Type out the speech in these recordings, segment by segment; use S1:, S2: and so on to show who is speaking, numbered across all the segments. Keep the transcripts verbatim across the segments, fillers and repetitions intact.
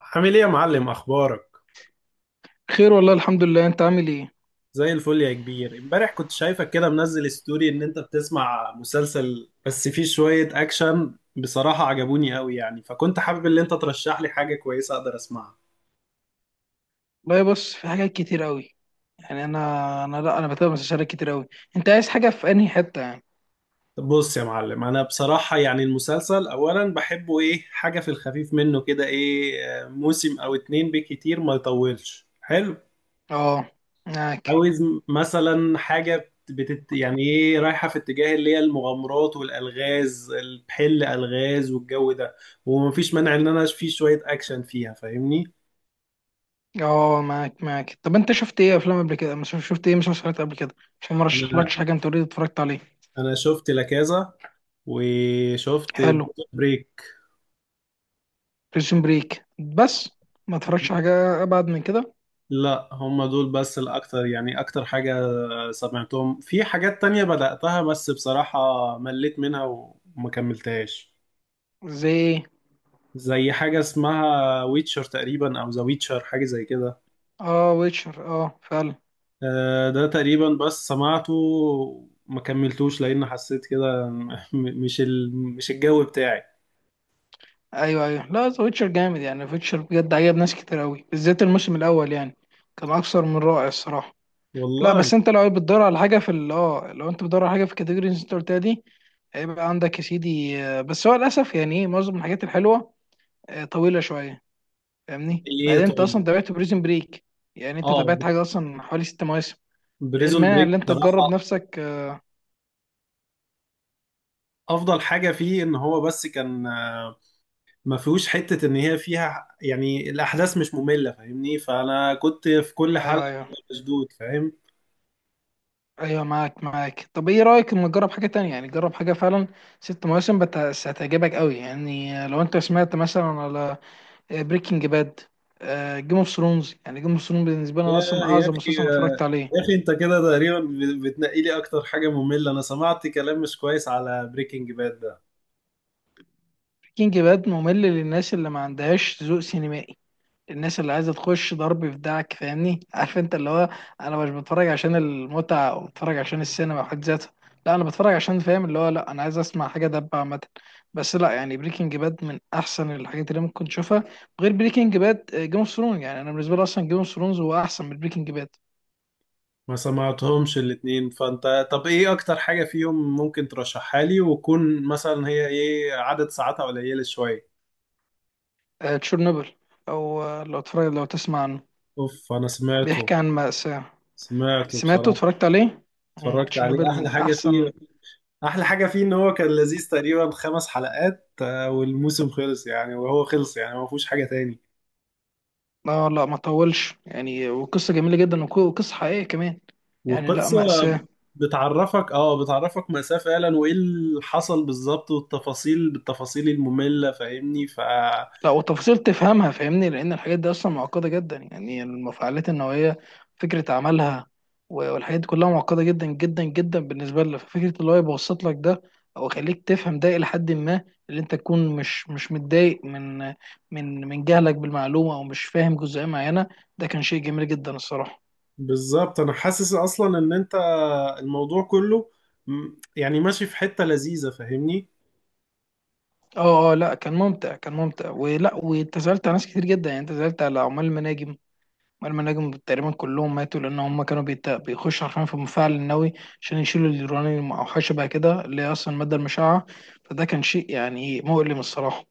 S1: عامل ايه يا معلم، اخبارك؟
S2: خير والله الحمد لله. انت عامل ايه؟
S1: زي الفل يا كبير. امبارح كنت شايفك كده منزل ستوري ان انت بتسمع مسلسل بس فيه شوية اكشن، بصراحة عجبوني قوي يعني، فكنت حابب ان انت ترشح لي حاجة كويسة اقدر اسمعها.
S2: والله بص، في حاجات كتير قوي. يعني انا انا لا انا بتابع مسلسلات كتير قوي. انت عايز حاجه في انهي حته يعني؟
S1: طب بص يا معلم، انا بصراحة يعني المسلسل اولا بحبه ايه؟ حاجة في الخفيف منه كده، ايه، آه، موسم او اتنين بكتير، ما يطولش، حلو.
S2: اه، معاك.
S1: عاوز مثلا حاجة بتت... يعني ايه، رايحة في اتجاه اللي هي المغامرات والألغاز، الحل ألغاز والجو ده. ومفيش مانع ان انا في شوية اكشن فيها، فاهمني.
S2: اه معاك معاك. طب انت شفت ايه افلام قبل كده؟ مش شفت ايه مسلسلات قبل كده عشان ما
S1: انا
S2: رشحلكش حاجه انت اوريدي اتفرجت عليه؟
S1: انا شفت لاكازا وشفت
S2: حلو.
S1: بريك.
S2: بريزون بريك بس، ما اتفرجش حاجه ابعد من كده.
S1: لا، هم دول بس الاكتر يعني اكتر حاجة. سمعتهم في حاجات تانية بدأتها بس بصراحة مليت منها وما كملتهاش.
S2: زي ايه؟
S1: زي حاجة اسمها ويتشر تقريبا او ذا ويتشر، حاجة زي كده.
S2: اه، ويتشر، اه فعلا.
S1: آه، ده تقريبا بس سمعته، ما كملتوش لان حسيت كده م- م- مش ال... مش الجو بتاعي.
S2: ايوه ايوه، لا ذا ويتشر جامد يعني، ويتشر بجد عجب ناس كتير قوي بالذات الموسم الاول يعني. كان اكثر من رائع الصراحه. لا
S1: والله.
S2: بس انت لو بتدور على حاجه في ال- اه لو انت بتدور على حاجه في الكاتيجوريز اللي انت قلتها دي، هيبقى عندك يا سيدي. آه، بس هو للاسف يعني ايه معظم الحاجات الحلوه آه، طويله شويه فاهمني.
S1: ايه
S2: بعدين انت اصلا
S1: طيب.
S2: تابعت بريزن بريك؟ يعني انت
S1: اه،
S2: تابعت حاجه اصلا حوالي ست مواسم. ايه
S1: بريزون
S2: المانع
S1: بريك
S2: اللي انت تجرب
S1: بصراحة
S2: نفسك؟ آه،
S1: افضل حاجة فيه ان هو بس كان آه، ما فيهوش حتة ان هي فيها يعني الاحداث مش مملة، فاهمني؟ فانا كنت في كل
S2: ايوه
S1: حلقة
S2: ايوه.
S1: ببقى مشدود، فاهم؟
S2: ايوه معاك معاك. طب ايه رايك اما تجرب حاجه تانية؟ يعني جرب حاجه فعلا ست مواسم بس هتعجبك قوي يعني. آه، لو انت سمعت مثلا على بريكنج باد، جيم اوف ثرونز. يعني جيم اوف ثرونز بالنسبه لي انا
S1: يا
S2: اصلا
S1: يا
S2: اعظم
S1: اخي
S2: مسلسل انا
S1: يا
S2: اتفرجت عليه.
S1: اخي انت كده تقريبا بتنقي لي اكتر حاجة مملة. انا سمعت كلام مش كويس على بريكنج باد ده.
S2: كينج باد ممل للناس اللي ما عندهاش ذوق سينمائي، الناس اللي عايزه تخش ضرب في دعك فاهمني، عارف انت اللي هو انا مش بتفرج عشان المتعه، او بتفرج عشان السينما في حد ذاتها. لا، انا بتفرج عشان فاهم اللي هو، لا انا عايز اسمع حاجه دبه عامه. بس لا يعني بريكنج باد من احسن الحاجات اللي ممكن تشوفها، غير بريكنج باد، جيم اوف ثرونز. يعني انا بالنسبه لي اصلا جيم اوف ثرونز هو احسن من بريكنج باد.
S1: ما سمعتهمش الاتنين، فانت طب ايه اكتر حاجة فيهم ممكن ترشحها لي، وكون مثلا هي ايه عدد ساعاتها قليلة شوية؟
S2: تشيرنوبل، او آه، لو تفرج، لو تسمع عنه،
S1: اوف، انا سمعته.
S2: بيحكي عن مأساة.
S1: سمعته
S2: سمعته،
S1: بصراحة،
S2: اتفرجت عليه. مم،
S1: اتفرجت عليه.
S2: تشيرنوبل
S1: احلى
S2: من
S1: حاجة فيه،
S2: احسن.
S1: احلى حاجة فيه ان هو كان لذيذ، تقريبا خمس حلقات آه، والموسم خلص يعني، وهو خلص يعني، ما فيهوش حاجة تاني.
S2: لا لا ما طولش يعني، وقصة جميلة جدا وق- وقصة حقيقية كمان. يعني لا،
S1: وقصة.
S2: مأساة.
S1: بتعرفك، اه بتعرفك مأساة فعلا، وايه اللي حصل بالظبط والتفاصيل، بالتفاصيل المملة، فاهمني؟ ف
S2: لا وتفاصيل تفهمها فاهمني، لأن الحاجات دي أصلا معقدة جدا، يعني المفاعلات النووية، فكرة عملها و- والحاجات دي كلها معقدة جدا جدا جدا بالنسبة لنا. ففكرة اللي هو يبسط لك ده أو يخليك تفهم ده إلى حد ما، اللي أنت تكون مش مش متضايق من من من جهلك بالمعلومة أو مش فاهم جزئية معينة. ده كان شيء جميل جدا الصراحة.
S1: بالظبط، انا حاسس اصلا ان انت الموضوع كله م- يعني ماشي في حتة لذيذة، فاهمني؟
S2: اه اه، لا كان ممتع، كان ممتع، ولا واتزلت على ناس كتير جدا. يعني اتزلت على عمال المناجم، عمال المناجم تقريبا كلهم ماتوا لان هم كانوا بيت... بيخشوا حرفيا في المفاعل النووي عشان يشيلوا اليورانيوم او حاجه بقى كده، اللي هي اصلا الماده المشعه. فده كان شيء يعني مؤلم الصراحه.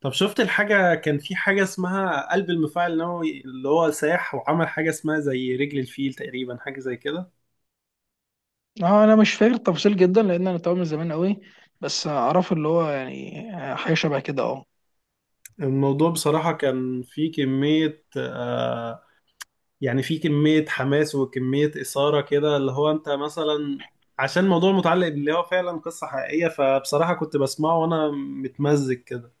S1: طب شفت الحاجة؟ كان في حاجة اسمها قلب المفاعل النووي اللي هو ساح وعمل حاجة اسمها زي رجل الفيل تقريبا، حاجة زي كده.
S2: اه، انا مش فاكر التفاصيل جدا لان انا تابعه من زمان قوي، بس اعرف اللي هو يعني حاجه شبه كده، اه.
S1: الموضوع بصراحة كان فيه كمية آه يعني فيه كمية حماس وكمية إثارة كده، اللي هو أنت مثلا عشان الموضوع متعلق باللي هو فعلا قصة حقيقية، فبصراحة كنت بسمعه وأنا متمزج كده.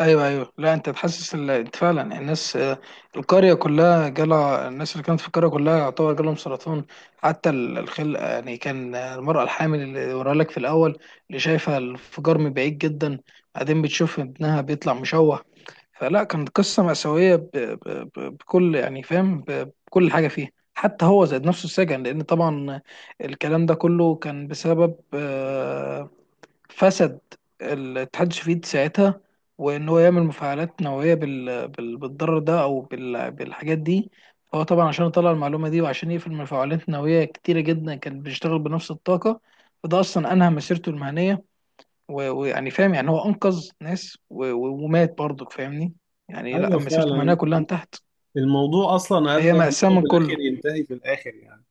S2: ايوه ايوه، لا انت تحسس ال- انت فعلا الناس. آه، القريه كلها جالها، الناس اللي كانت في القريه كلها يعتبر جالهم سرطان. حتى ال- الخل يعني كان آه، المراه الحامل اللي وراها لك في الاول، اللي شايفه الانفجار من بعيد جدا، بعدين بتشوف ابنها بيطلع مشوه. فلا، كانت قصه مأساويه ب... ب... ب... بكل يعني فاهم ب... بكل حاجه فيها. حتى هو زاد نفسه السجن لان طبعا الكلام ده كله كان بسبب آه، فسد الاتحاد السوفيتي ساعتها، وان هو يعمل مفاعلات نوويه بال... بال... بالضرر ده او بال... بالحاجات دي. فهو طبعا عشان يطلع المعلومه دي وعشان يقفل مفاعلات نوويه كتيره جدا كان بيشتغل بنفس الطاقه. فده اصلا انهى مسيرته المهنيه و- ويعني فاهم، يعني هو انقذ ناس و... و- ومات برضك فاهمني. يعني لا،
S1: أيوه
S2: مسيرته المهنيه
S1: فعلا،
S2: كلها انتهت.
S1: الموضوع أصلا أدى
S2: فهي
S1: إن
S2: مأساة
S1: هو
S2: من
S1: في
S2: كله.
S1: الآخر ينتهي، في الآخر يعني.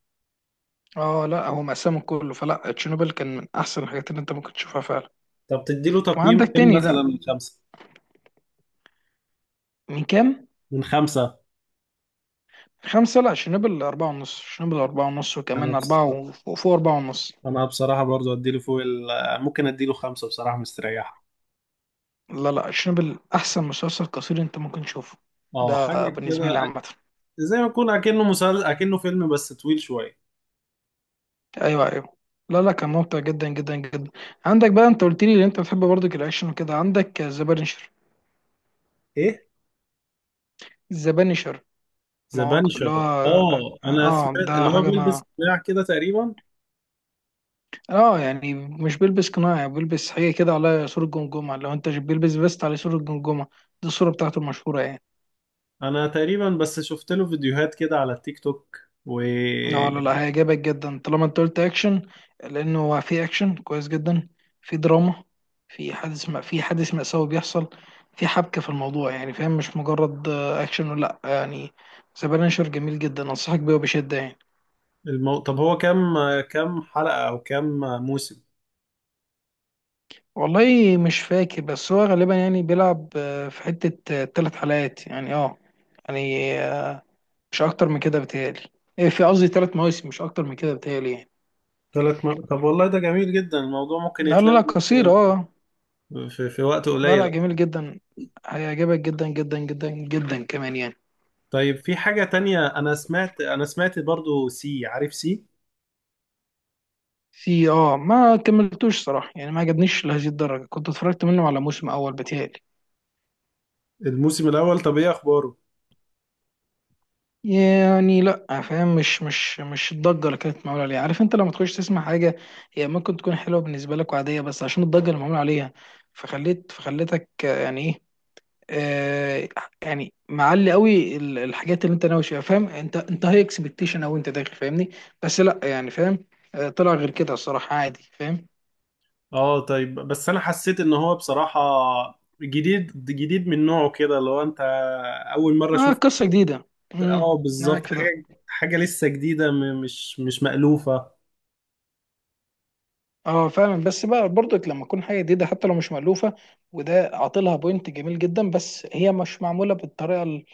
S2: اه، لا هو مأساة من كله. فلا تشيرنوبل كان من احسن الحاجات اللي انت ممكن تشوفها فعلا.
S1: طب تديله تقييم
S2: وعندك
S1: كام
S2: تاني،
S1: مثلا
S2: لا
S1: من خمسة؟
S2: من كام؟
S1: من خمسة.
S2: خمسة؟ لا شنبل أربعة ونص، شنبل أربعة ونص،
S1: أنا
S2: وكمان
S1: بص...
S2: أربعة و- وفوق، فوق أربعة ونص.
S1: أنا بصراحة برضو أديله فوق ال... ممكن أديله خمسة بصراحة، مستريحة.
S2: لا لا، شنبل أحسن مسلسل قصير أنت ممكن تشوفه،
S1: أه حاجة
S2: ده
S1: كده.
S2: بالنسبة لي
S1: أك-
S2: عامة.
S1: زي ما يكون أكنه مسلسل، أكنه فيلم بس طويل شوية.
S2: أيوه أيوه، لا لا كان ممتع جدا جدا جدا. عندك بقى، أنت قلت لي إن أنت بتحب برضك الأكشن وكده، عندك ذا بانشر.
S1: إيه؟
S2: ذا بانشر،
S1: ذا
S2: المواقف
S1: بانشر؟
S2: اللي هو،
S1: أه، أنا
S2: اه
S1: سمعت
S2: ده
S1: اللي هو
S2: حاجة ما.
S1: بيلبس قناع كده تقريبا.
S2: اه يعني مش بيلبس قناع، يعني بيلبس حاجة كده على صورة جمجمة، لو انت بيلبس فيست على صورة جمجمة، دي الصورة بتاعته المشهورة يعني.
S1: أنا تقريبا بس شفت له فيديوهات كده على التيك توك. و
S2: اه لا لا، هيعجبك جدا طالما انت قلت اكشن، لانه هو في اكشن كويس جدا، في دراما، في حادث ما، في حادث مأساوي بيحصل، في حبكة في الموضوع يعني فاهم، مش مجرد آه، اكشن ولا لأ، يعني سبانشر جميل جدا انصحك بيه وبشدة يعني.
S1: المو... طب هو كام، كام حلقة أو كام موسم؟
S2: والله مش فاكر، بس هو غالبا يعني بيلعب آه، في حتة ثلاث حلقات يعني اه. يعني آه، مش اكتر من كده بتهيألي. إيه، في قصدي ثلاث مواسم، مش اكتر من كده بتهيألي يعني.
S1: ثلاث م... طب والله ده جميل جدا، الموضوع ممكن
S2: لا لا
S1: يتلم
S2: لا، قصير اه.
S1: في, في وقت
S2: لا
S1: قليل.
S2: لا، جميل جدا، هيعجبك جدا جدا جدا جدا كمان يعني.
S1: طيب في حاجة تانية، أنا سمعت، أنا سمعت برضو سي، عارف سي؟
S2: في اه ما كملتوش صراحة، يعني ما عجبنيش لهذه الدرجة، كنت اتفرجت منه على موسم أول بتهيألي.
S1: الموسم الاول، طب ايه اخباره؟
S2: يعني لا فاهم، مش مش مش الضجة اللي كانت معمولة عليها. عارف انت لما تخش تسمع حاجة، هي ممكن تكون حلوة بالنسبة لك وعادية، بس عشان الضجة اللي معمولة عليها فخليت، فخليتك آه، يعني ايه آه، يعني معلي قوي ال- الحاجات اللي انت ناوي فيها فاهم، انت انت هاي اكسبكتيشن او انت داخل فاهمني. بس لا يعني فاهم آه، طلع غير كده الصراحه، عادي فاهم.
S1: اه طيب، بس أنا حسيت إن هو بصراحة جديد، جديد من نوعه كده، لو أنت أول مرة
S2: اه
S1: شفت.
S2: قصه جديده. امم
S1: اه
S2: معاك
S1: بالظبط،
S2: في ده.
S1: حاجة، حاجة لسه جديدة، م- مش مش مألوفة.
S2: اه فعلا، بس بقى برضك لما تكون حاجه جديده حتى لو مش مألوفه، وده عاطلها بوينت جميل جدا، بس هي مش معموله بالطريقه ال...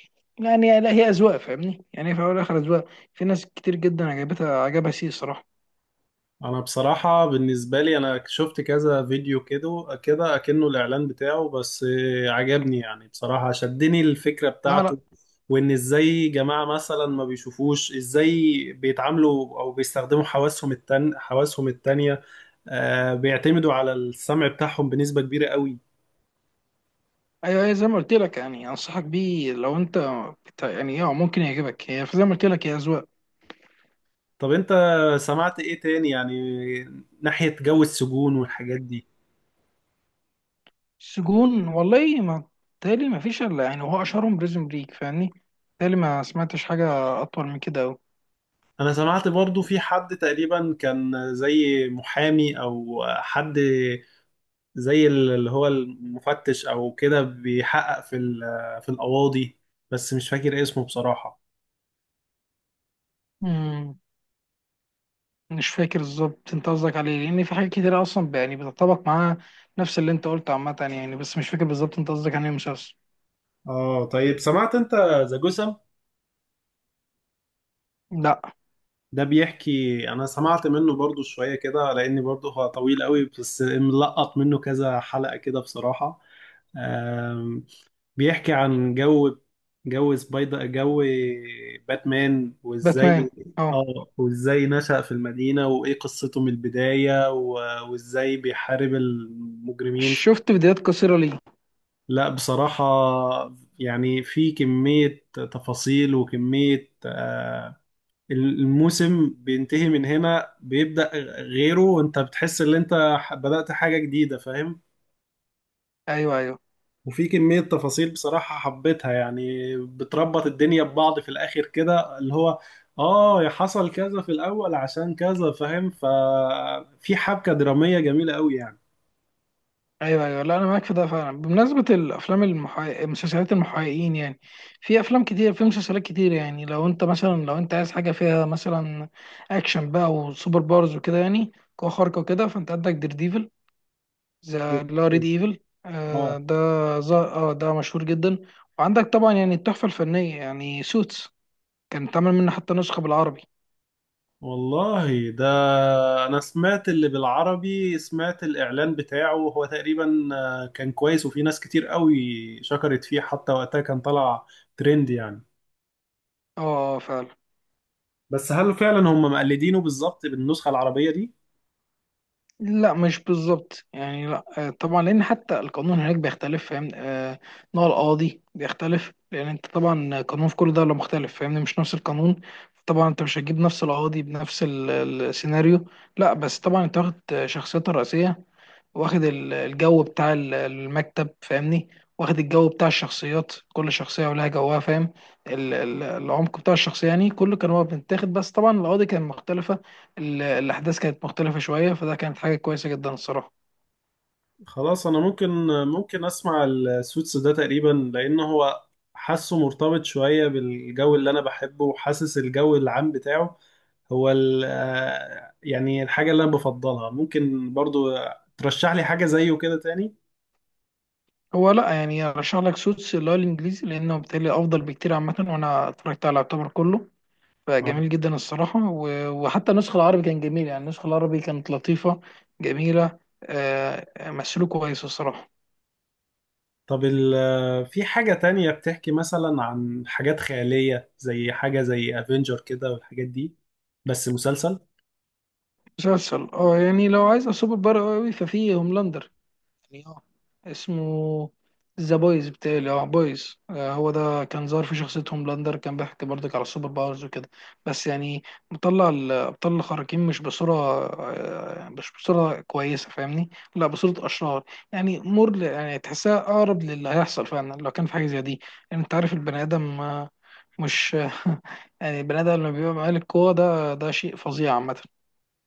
S2: يعني لا هي اذواق فاهمني، يعني في الاول والاخر اذواق، في ناس كتير جدا عجبتها، عجبها سي صراحه.
S1: انا بصراحة بالنسبة لي انا شفت كذا فيديو كده كده اكنه الاعلان بتاعه، بس آه، عجبني يعني بصراحة، شدني الفكرة
S2: لا لا.
S1: بتاعته، وان ازاي جماعة مثلا ما بيشوفوش، ازاي بيتعاملوا او بيستخدموا حواسهم التان حواسهم التانية. آه، بيعتمدوا على السمع بتاعهم بنسبة كبيرة قوي.
S2: ايوه، هي زي ما قلت لك يعني انصحك بيه لو انت بت- يعني اه ممكن يعجبك، هي زي ما قلت لك هي اذواق.
S1: طب انت سمعت ايه تاني يعني ناحية جو السجون والحاجات دي؟
S2: سجون والله ما، تالي ما فيش الا يعني هو اشهرهم بريزون بريك فاهمني، تالي ما سمعتش حاجه اطول من كده أوي.
S1: انا سمعت برضو في حد تقريبا كان زي محامي او حد زي اللي هو المفتش او كده، بيحقق في ال- في القواضي، بس مش فاكر اسمه بصراحة.
S2: امم مش فاكر بالظبط انت قصدك عليه، لان في حاجات كتير اصلا ب- يعني بتطبق معاها نفس اللي انت قلته عامه يعني. بس مش فاكر بالظبط انت قصدك عن ايه مسلسل.
S1: اه طيب، سمعت انت ذا جسم؟
S2: لا
S1: ده بيحكي، انا سمعت منه برضو شوية كده لاني برضو هو طويل قوي، بس ملقط منه كذا حلقة كده بصراحة. آم، بيحكي عن جو، جو سبايدر، جو باتمان، وازاي.
S2: باتمان، اه.
S1: اه، وازاي نشأ في المدينة، وايه قصته من البداية، و- وازاي بيحارب المجرمين.
S2: شفت فيديوهات قصيره ليه؟
S1: لا بصراحة. يعني في كمية تفاصيل وكمية آه، الموسم بينتهي، من هنا بيبدأ غيره، وانت بتحس ان انت ح- بدأت حاجة جديدة، فاهم؟
S2: ايوه ايوه.
S1: وفي كمية تفاصيل بصراحة حبيتها، يعني بتربط الدنيا ببعض في الآخر كده، اللي هو اه حصل كذا في الأول عشان كذا، فاهم؟ ففي حبكة درامية جميلة قوي يعني.
S2: ايوه ايوه، لا انا معاك في ده فعلا. بمناسبه الافلام المحقق... مسلسلات المحققين يعني، في افلام كتير في مسلسلات كتير. يعني لو انت مثلا، لو انت عايز حاجه فيها مثلا اكشن بقى وسوبر باورز وكده، يعني قوه خارقه وكده، فانت عندك دير ديفل، ذا اللي هو ريد ايفل، آه
S1: اه
S2: ده ز- اه ده مشهور جدا. وعندك طبعا يعني التحفه الفنيه يعني سوتس، كان اتعمل منه حتى نسخه بالعربي.
S1: والله ده، انا سمعت اللي بالعربي، سمعت الاعلان بتاعه، هو تقريبا آه، كان كويس، وفي ناس كتير قوي شكرت فيه، حتى وقتها كان طلع ترند يعني.
S2: اه فعلا.
S1: بس هل فعلا هم مقلدينه بالظبط بالنسخة العربية دي؟
S2: لا مش بالظبط يعني، لا آه، طبعا لان حتى القانون هناك بيختلف فاهم، آه، نوع القاضي بيختلف لان انت طبعا قانون في كل دوله مختلف فاهمني، مش نفس القانون. طبعا انت مش هتجيب نفس القاضي بنفس ال- السيناريو. لا بس طبعا انت واخد شخصيتها الرئيسيه، واخد ال- الجو بتاع ال- المكتب فاهمني، واخد الجو بتاع الشخصيات، كل شخصية ولها جوها فاهم. ال- ال- العمق بتاع الشخصية يعني كله كان هو بيتاخد، بس طبعا القضية كانت مختلفة، ال- الأحداث كانت مختلفة شوية. فده كانت حاجة كويسة جدا الصراحة.
S1: خلاص انا ممكن، ممكن اسمع السوتس ده تقريبا، لان هو حاسه مرتبط شوية بالجو اللي انا بحبه، وحاسس الجو العام بتاعه هو ال- آه، يعني الحاجة اللي انا بفضلها. ممكن برضو ترشح لي حاجة زيه كده تاني؟
S2: هو لا يعني أرشح لك سوتس اللي هو الإنجليزي، لأنه بالتالي أفضل بكتير عامة، وأنا اتفرجت على يعتبر كله،
S1: آه.
S2: فجميل جدا الصراحة. و- وحتى النسخة العربي كان جميل يعني، النسخة العربي كانت لطيفة جميلة، آه، مسلوك كويس الصراحة.
S1: طب ال آه، في حاجة تانية بتحكي مثلا عن حاجات خيالية، زي حاجة زي افنجر كده والحاجات دي، بس مسلسل؟
S2: مسلسل اه، يعني لو عايز سوبر بار قوي، ففي هوملاندر يعني اه. اسمه ذا بويز بتاعي، اه بويز، آه هو ده كان ظاهر في شخصية هوملاندر، كان بيحكي برضك على السوبر باورز وكده، بس يعني مطلع الأبطال الخارقين مش بصورة آه، مش بصورة كويسة فاهمني، لا بصورة أشرار. يعني مر، يعني تحسها أقرب للي هيحصل فعلا لو كان في حاجة زي دي. يعني أنت عارف البني آدم آه، مش يعني البني آدم لما بيبقى معاه القوة، ده ده شيء فظيع عامة.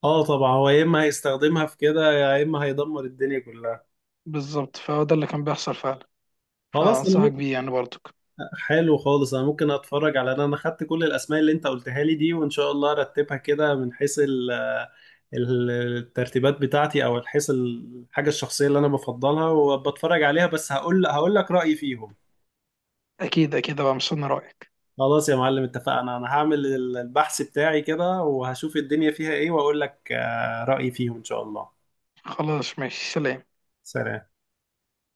S1: اه طبعا، هو يا اما هيستخدمها في كده، يا اما هيدمر الدنيا كلها.
S2: بالظبط، فهو ده اللي كان بيحصل فعلا.
S1: خلاص انا
S2: فأنصحك
S1: ممكن.
S2: بيه يعني برضك.
S1: حلو خالص، انا ممكن اتفرج على، انا انا خدت كل الاسماء اللي انت قلتها لي دي، وان شاء الله ارتبها كده من حيث ال- آه، ال- الترتيبات بتاعتي، او حيث الحاجة الشخصية اللي انا بفضلها وبتفرج عليها، بس هقول، هقول لك رأيي فيهم.
S2: أكيد أكيد أبقى مستني رأيك.
S1: خلاص يا معلم، اتفقنا، انا هعمل البحث بتاعي كده وهشوف الدنيا فيها ايه، واقول لك آه، رأيي فيهم ان شاء الله.
S2: خلاص ماشي، سلام.
S1: سلام.